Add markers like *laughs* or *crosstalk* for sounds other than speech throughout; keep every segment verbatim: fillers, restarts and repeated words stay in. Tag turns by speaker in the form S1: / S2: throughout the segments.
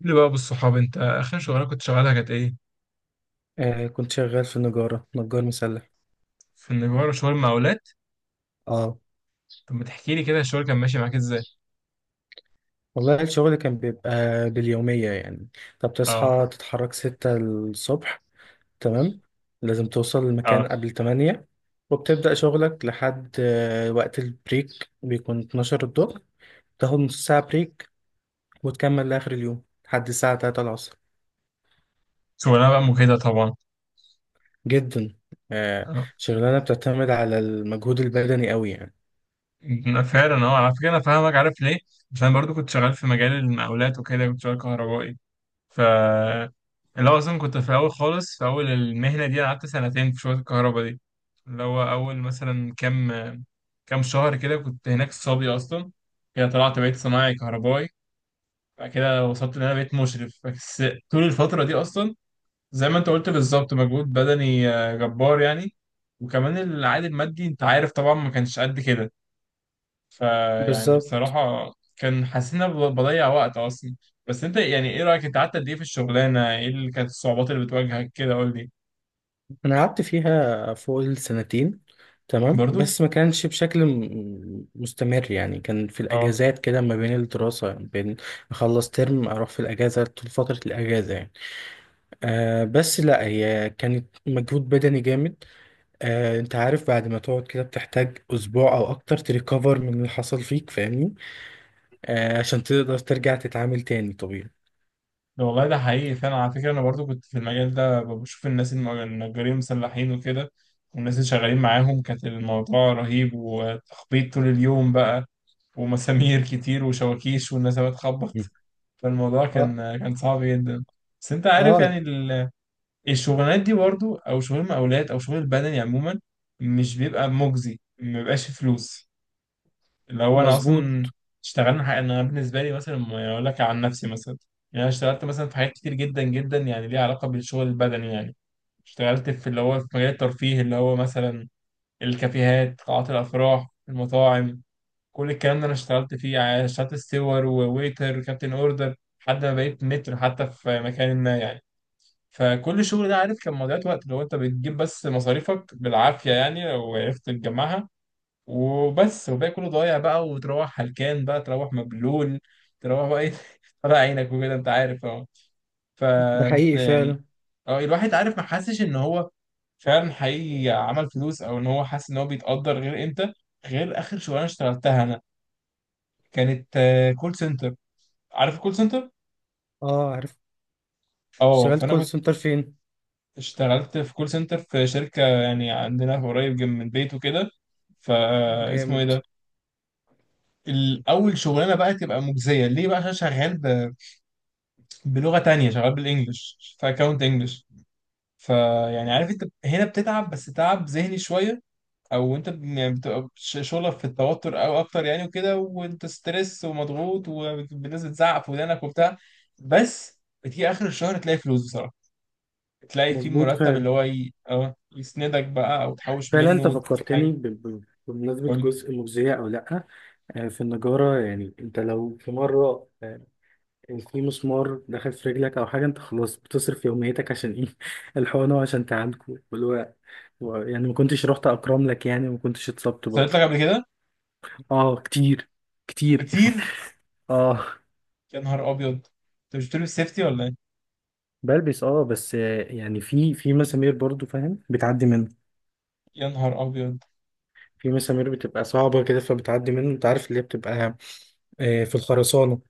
S1: قول لي بقى بالصحاب، انت اخر شغلانه كنت شغالها كانت ايه؟
S2: آه كنت شغال في النجارة، نجار مسلح.
S1: في النجارة شغل مقاولات.
S2: اه
S1: طب ما تحكي لي كده الشغل كان ماشي معاك ازاي؟
S2: والله الشغل كان بيبقى باليومية يعني. طب،
S1: اه.
S2: تصحى تتحرك ستة الصبح، تمام، لازم توصل المكان
S1: اه،
S2: قبل تمانية وبتبدأ شغلك لحد آه وقت البريك، بيكون الثانية عشرة الظهر. تاخد نص ساعة بريك وتكمل لآخر اليوم لحد الساعة تلاتة العصر.
S1: شغلانه بقى مجهده طبعا.
S2: جدا. آه
S1: اه،
S2: شغلانة بتعتمد على المجهود البدني قوي يعني.
S1: انا فعلا اه على فكره انا فاهمك، عارف ليه؟ عشان انا برضو كنت شغال في مجال المقاولات وكده، كنت شغال كهربائي. ف اللي هو اصلا كنت في الاول خالص، في اول المهنه دي انا قعدت سنتين في شغل الكهرباء دي، اللي هو اول مثلا كام، كام شهر كده كنت هناك صبي اصلا، كده طلعت بقيت صنايعي كهربائي، بعد كده وصلت ان انا بقيت مشرف بس. طول الفتره دي اصلا زي ما انت قلت بالظبط مجهود بدني آه، جبار يعني. وكمان العائد المادي انت عارف طبعا ما كانش قد كده. فيعني
S2: بالظبط.
S1: بصراحه كان حاسس ان انا ب- بضيع وقت اصلا. بس انت يعني ايه رايك، انت قعدت قد ايه في الشغلانه، ايه اللي كانت الصعوبات اللي بتواجهك كده؟ قول لي.
S2: انا قعدت فيها فوق السنتين، تمام،
S1: برضو.
S2: بس ما كانش بشكل م- مستمر يعني. كان في
S1: اه.
S2: الاجازات كده، ما بين الدراسه، بين اخلص ترم اروح في الاجازه طول فتره الاجازه يعني. آه بس لا، هي كانت مجهود بدني جامد. آه انت عارف، بعد ما تقعد كده بتحتاج اسبوع او اكتر تريكفر من اللي حصل فيك، فاهمني؟ آه عشان تقدر ترجع تتعامل تاني طبيعي.
S1: ده والله ده حقيقي فعلا، على فكرة أنا برضو كنت في المجال ده بشوف الناس الم- النجارين المسلحين وكده، والناس اللي شغالين معاهم، كانت الموضوع رهيب وتخبيط طول اليوم بقى، ومسامير كتير وشواكيش والناس بتخبط.
S2: مم.
S1: فالموضوع
S2: اه،
S1: كان كان صعب جدا. بس أنت عارف
S2: اه.
S1: يعني ال- الشغلانات دي برضو، أو شغل المقاولات أو شغل البدني عموما، مش بيبقى مجزي، ما بيبقاش فلوس. اللي هو انا
S2: مظبوط.
S1: اصلا اشتغلنا حاجة، انا بالنسبه لي مثلا ما اقول لك عن نفسي مثلا، يعني انا اشتغلت مثلا في حاجات كتير جدا جدا يعني، ليها علاقه بالشغل البدني يعني. اشتغلت في اللي هو في مجال الترفيه، اللي هو مثلا الكافيهات، قاعات الافراح، المطاعم، كل الكلام ده انا اشتغلت فيه. يعني اشتغلت ستيور وويتر وكابتن اوردر، لحد ما بقيت متر حتى في مكان ما يعني. فكل الشغل ده عارف كان مضيعة وقت، لو انت بتجيب بس مصاريفك بالعافيه يعني، لو عرفت تجمعها وبس، وباقي كله ضايع بقى، وتروح هلكان بقى، تروح مبلول، تروح بقى ايه *laughs* طلع عينك وكده، انت عارف. اه. ف
S2: ده حقيقي
S1: يعني
S2: فعلا.
S1: اه، الواحد عارف ما حسش ان هو فعلا حقيقي عمل فلوس، او ان هو حاسس ان هو بيتقدر، غير امتى؟ غير اخر شغلانه اشتغلتها انا، كانت آه، كول سنتر. عارف الكول سنتر؟
S2: اه، عارف.
S1: اه.
S2: اشتغلت
S1: فانا
S2: كول
S1: كنت
S2: سنتر فين؟
S1: اشتغلت في كول سنتر في شركه يعني عندنا قريب جنب من البيت وكده، فاسمه ايه
S2: جامد.
S1: ده؟ الاول شغلانه بقى تبقى مجزيه ليه بقى؟ عشان شغال بلغة تانية، شغال بالانجلش في اكونت انجلش. فيعني عارف، انت هنا بتتعب بس تعب ذهني شوية، او انت ب- يعني بتبقى ش- شغلك في التوتر او اكتر يعني، وكده وانت ستريس ومضغوط والناس بتزعق في ودانك وبتاع. بس بتيجي اخر الشهر تلاقي فلوس بصراحة، تلاقي في
S2: مظبوط
S1: مرتب اللي
S2: فعلا.
S1: هو ي... اه يسندك بقى، او تحوش
S2: فعلا
S1: منه
S2: انت
S1: وتجيب حاجة.
S2: فكرتني ب- ب- بمناسبة
S1: قول لي.
S2: جزء مجزية او لا. آه، في النجارة يعني، انت لو في مرة، آه، في مسمار دخل في رجلك او حاجة، انت خلاص بتصرف يوميتك عشان ايه *laughs* الحقنة وعشان تعالجه واللي هو و- يعني ما كنتش رحت اكرم لك يعني، وما كنتش اتصبت برضو.
S1: حصلت لك قبل كده؟
S2: اه، كتير. كتير.
S1: كتير.
S2: *laughs* اه.
S1: يا نهار ابيض، انت مش بتلبس سيفتي ولا ايه؟
S2: بلبس، اه، بس آه، يعني في في مسامير برضو، فاهم، بتعدي منه.
S1: يا نهار ابيض.
S2: في مسامير بتبقى صعبة كده، فبتعدي منه، انت عارف اللي هي بتبقى آه، في الخرسانة.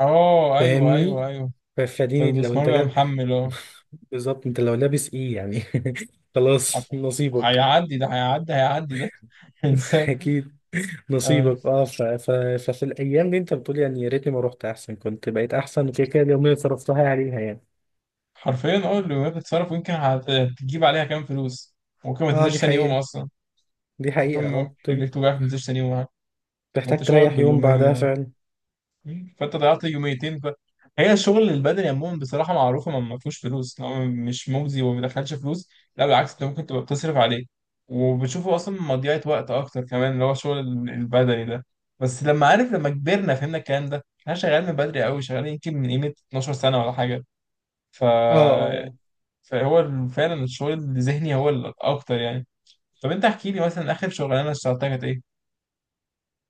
S1: اه، ايوه
S2: فاهمني.
S1: ايوه ايوه.
S2: ف- فدي لو
S1: فالمسمار
S2: انت
S1: بيبقى
S2: لاب.
S1: محمل، اه.
S2: *laughs* بالظبط، انت لو لابس ايه يعني. *laughs* خلاص،
S1: عارفه،
S2: نصيبك.
S1: هيعدي ده، هيعدي، هيعدي ده *laughs*
S2: *laughs*
S1: انسان.
S2: اكيد.
S1: آه.
S2: نصيبك. اه ف... ف... ففي الايام دي انت بتقول يعني يا ريتني ما رحت، احسن كنت بقيت احسن. وكده كده اليومين اللي صرفتها عليها يعني.
S1: حرفيا، اه اللي بتتصرف يمكن هت- هتجيب عليها كام فلوس، ممكن ما
S2: اه، دي
S1: تنزلش تاني يوم
S2: حقيقة.
S1: اصلا.
S2: دي
S1: ممكن
S2: حقيقة.
S1: م-
S2: اه تم-
S1: رجليك توجعك ما تنزلش تاني يوم. وانت
S2: محتاج
S1: شغلك
S2: تريح يوم بعدها
S1: باليومية.
S2: فعلا.
S1: مم. فانت ضيعت يوميتين ف... هي الشغل البدني عموما بصراحه معروفه ما ما فيهوش فلوس، إن هو مش مجزي وما بيدخلش فلوس، لا بالعكس انت ممكن تبقى بتصرف عليه، وبتشوفه اصلا مضيعه وقت اكتر كمان، اللي هو الشغل ال- البدني ده. بس لما عارف، لما كبرنا فهمنا الكلام ده، احنا شغالين من بدري قوي، شغالين يمكن من قيمه اتناشر سنه ولا حاجه. ف
S2: اه، اه.
S1: فهو ال- فعلا الشغل الذهني هو الاكتر يعني. طب انت احكي لي مثلا، اخر شغلانه اشتغلتها كانت ايه؟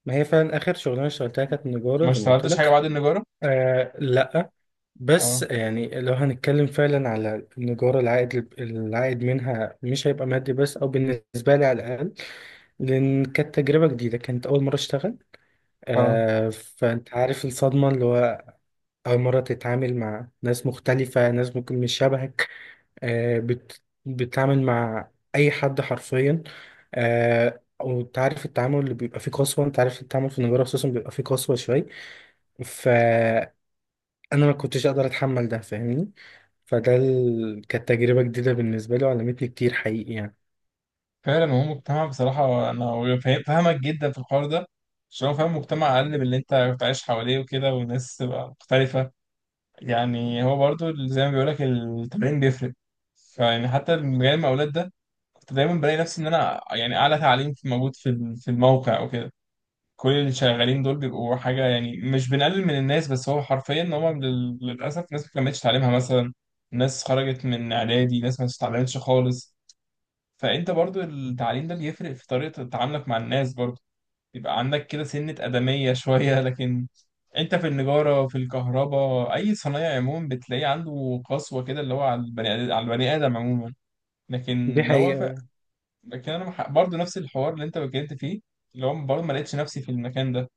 S2: ما هي فعلا اخر شغلانة اشتغلتها كانت نجارة
S1: ما
S2: زي ما قلت
S1: اشتغلتش حاجه بعد
S2: لك.
S1: النجاره.
S2: آه، لا. بس
S1: اه.
S2: يعني، لو هنتكلم فعلا على النجارة، العائد العائد منها مش هيبقى مادي بس، أو بالنسبة لي على الأقل. لأن كانت تجربة جديدة، كانت أول مرة أشتغل.
S1: اه.
S2: آه فأنت عارف الصدمة اللي هو أول مرة تتعامل مع ناس مختلفة، ناس ممكن مش شبهك. آه بت بتتعامل مع أي حد حرفيا. آه وانت عارف التعامل اللي بيبقى فيه قسوة. انت عارف التعامل في النجارة خصوصا بيبقى فيه قسوة شوية. انا ما كنتش اقدر اتحمل ده، فاهمني؟ فده ال... كانت تجربة جديدة بالنسبة لي، وعلمتني كتير حقيقي يعني.
S1: فعلا هو مجتمع، بصراحة أنا فاهم- فاهمك جدا في الحوار ده. عشان هو فاهم، مجتمع أقل من اللي أنت بتعيش حواليه وكده، والناس تبقى مختلفة. يعني هو برضو زي ما بيقولك، التمرين بيفرق. فيعني حتى من مجال المقاولات ده، كنت دايما بلاقي نفسي إن أنا يعني أعلى تعليم في موجود في ال- في الموقع وكده. كل اللي شغالين دول بيبقوا حاجة يعني، مش بنقلل من الناس، بس هو حرفيا إن هما لل- للأسف ناس ما كملتش تعليمها مثلا، ناس خرجت من إعدادي، ناس ما اتعلمتش خالص. فانت برضو التعليم ده بيفرق في طريقة تعاملك مع الناس برضو، يبقى عندك كده سنة أدمية *laughs* شوية. لكن انت في النجارة، في الكهرباء، أي صنايع عموما بتلاقيه عنده قسوة كده، اللي هو على البني آدم، على البني آدم عموما.
S2: دي
S1: لكن هو ف...
S2: حقيقة.
S1: لكن أنا مح- برضو نفس الحوار اللي انت اتكلمت فيه، اللي هو برضو ما لقيتش نفسي في المكان ده،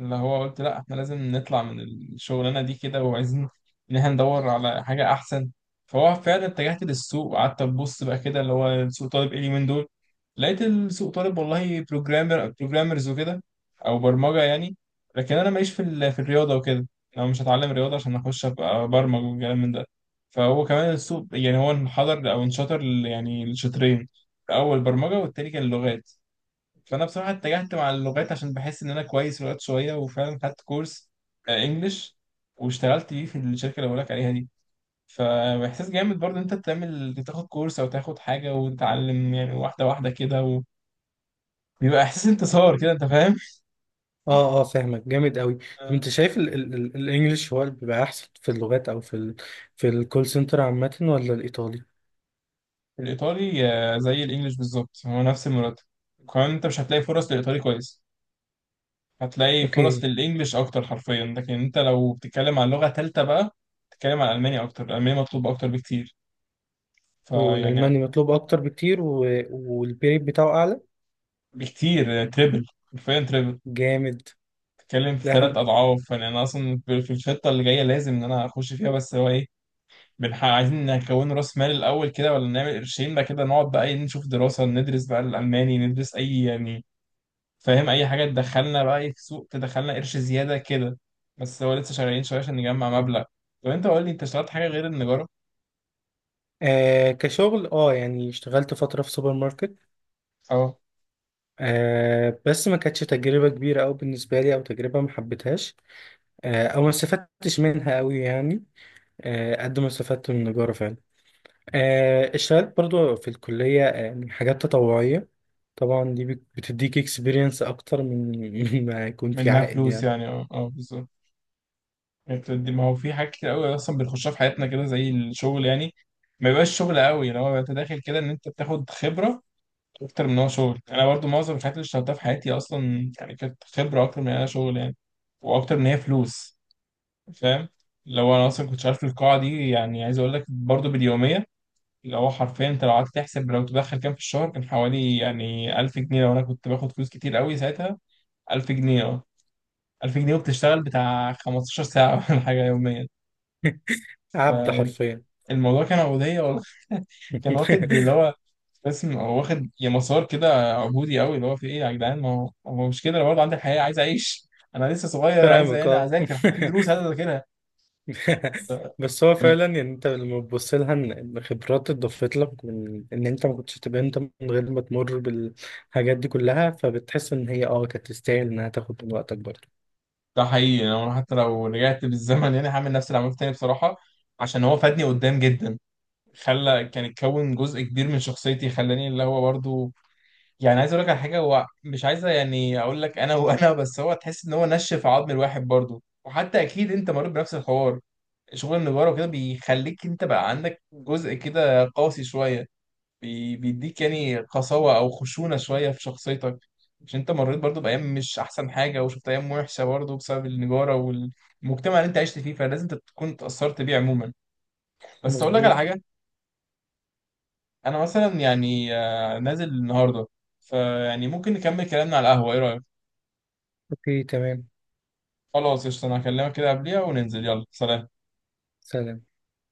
S1: اللي هو قلت لا احنا لازم نطلع من الشغلانه دي كده، وعايزين ان احنا ندور على حاجه احسن. فهو فعلا اتجهت للسوق، وقعدت ابص بقى كده اللي هو سوق طالب ايه اليومين دول. لقيت السوق طالب والله بروجرامر، بروجرامرز وكده، او برمجه يعني. لكن انا ماليش في ال- في الرياضه وكده، انا مش هتعلم رياضه عشان اخش ابقى برمج والكلام من ده. فهو كمان السوق يعني هو انحدر او انشطر ل- يعني لشطرين، الاول برمجه، والتاني كان لغات. فانا بصراحه اتجهت مع اللغات عشان بحس ان انا كويس في اللغات شويه، وفعلا خدت كورس آه، انجليش، واشتغلت بيه في الشركه اللي بقولك عليها دي. فاحساس جامد برضه إن انت تعمل تاخد كورس او تاخد حاجه وتتعلم يعني، واحده واحده كده، وبيبقى احساس انتصار كده، انت فاهم.
S2: اه، اه، فاهمك جامد قوي. طب
S1: آه.
S2: انت شايف ال... ال... ال... الانجليش هو اللي بيبقى احسن في اللغات، او في ال... في الكول سنتر عامة، ولا الايطالي؟
S1: الايطالي آه، زي الانجليش بالظبط، هو نفس المرتب، وكمان انت مش هتلاقي فرص للايطالي كويس. هتلاقي فرص
S2: اوكي.
S1: للانجليش اكتر حرفيا، لكن انت لو بتتكلم عن لغه ثالثه بقى، بتتكلم عن الماني، اكتر الالماني مطلوب اكتر بكتير. فيعني
S2: والالماني مطلوب اكتر بكتير و... والبيت بتاعه اعلى.
S1: بكتير، تريبل، حرفيا تريبل.
S2: جامد.
S1: بتتكلم في ثلاث
S2: لحن.
S1: اضعاف يعني. انا اصلا في في الخطه اللي جايه لازم ان انا اخش فيها، بس هو ايه، بنح... عايزين نكون راس مال الاول كده، ولا نعمل قرشين بقى كده، نقعد بقى إيه نشوف دراسه، ندرس بقى الالماني، ندرس اي يعني فاهم، اي حاجه تدخلنا بقى إيه في سوق، تدخلنا قرش زياده كده. بس هو لسه شغالين شويه عشان نجمع مبلغ. طب انت قول لي، انت اشتغلت حاجه غير النجاره؟
S2: آه كشغل، اه، يعني اشتغلت فترة في سوبر ماركت.
S1: اه.
S2: آه بس ما كانتش تجربة كبيرة أوي بالنسبة لي، أو تجربة ما حبيتهاش. آه، او ما استفدتش منها قوي يعني. آه، قد ما استفدت من النجارة فعلا. آه، اشتغلت برضو في الكلية. آه، يعني حاجات تطوعية. طبعا دي بت- بتديك اكسبيرينس اكتر من *laughs* من ما يكون في
S1: منها
S2: عائد
S1: فلوس
S2: يعني.
S1: يعني، اه اه بالظبط. انت دي- ما هو في حاجات كتير قوي اصلا بنخشها في حياتنا كده زي الشغل يعني، ما يبقاش شغل قوي لو هو انت داخل كده ان انت بتاخد خبره اكتر من هو شغل. انا برضو معظم الحاجات اللي اشتغلتها في حياتي اصلا يعني كانت خبره اكتر من انها شغل يعني، واكتر من هي فلوس. فاهم. لو انا اصلا كنت شغال في القاعه دي يعني، عايز اقول لك برضو باليوميه، اللي هو حرفيا انت لو قعدت تحسب لو تدخل كام في الشهر، كان حوالي يعني ألف جنيه لو انا كنت باخد فلوس كتير قوي ساعتها. ألف جنيه، اه. ألف جنيه وبتشتغل بتاع خمستاشر ساعه *laughs* ولا حاجه يوميا.
S2: *laughs* عبد حرفيا.
S1: الموضوع كان عبودية والله *laughs* كان واخد اللي
S2: *laughs*
S1: هو اسم، هو واخد يا مسار كده عبودي قوي، اللي هو في ايه يا جدعان؟ ما هو ما هو مش كده، انا برضه عندي حياة عايز اعيش، انا لسه صغير، عايز
S2: فاهمك،
S1: انا
S2: اه.
S1: اذاكر في دروس عايز اذاكرها.
S2: *laughs* بس هو
S1: أم-
S2: فعلا، يعني انت لما تبص لها ان إن خبرات اتضافت لك، من ان انت ما كنتش تبقى انت من غير ما تمر بالحاجات دي كلها، فبتحس ان هي اه كانت تستاهل انها تاخد من وقتك برضه.
S1: ده حقيقي يعني، انا حتى لو رجعت بالزمن يعني هعمل نفس اللي عملته تاني بصراحة، عشان هو فادني قدام جدا، خلى كان اتكون جزء كبير من شخصيتي، خلاني اللي هو برضه يعني عايز اقول لك على حاجة، هو مش عايز يعني اقول لك انا *laughs* وانا، بس هو تحس ان هو نشف عظم الواحد برضه. وحتى اكيد انت مريت بنفس الحوار، شغل النجارة وكده بيخليك انت بقى عندك جزء كده قاسي شوية، بي- بيديك يعني قساوة او خشونة شوية في شخصيتك، عشان انت مريت برضو بأيام مش احسن حاجة، وشفت ايام وحشة برضو بسبب النجارة والمجتمع اللي انت عشت فيه، فلازم انت تكون اتأثرت بيه عموما. بس اقول لك على
S2: مظبوط.
S1: حاجة، انا مثلا يعني آه، نازل النهاردة، فيعني ممكن نكمل كلامنا على القهوة، ايه رأيك؟
S2: اوكي، تمام.
S1: خلاص قشطة، انا هكلمك كده قبليها وننزل، يلا سلام.
S2: سلام.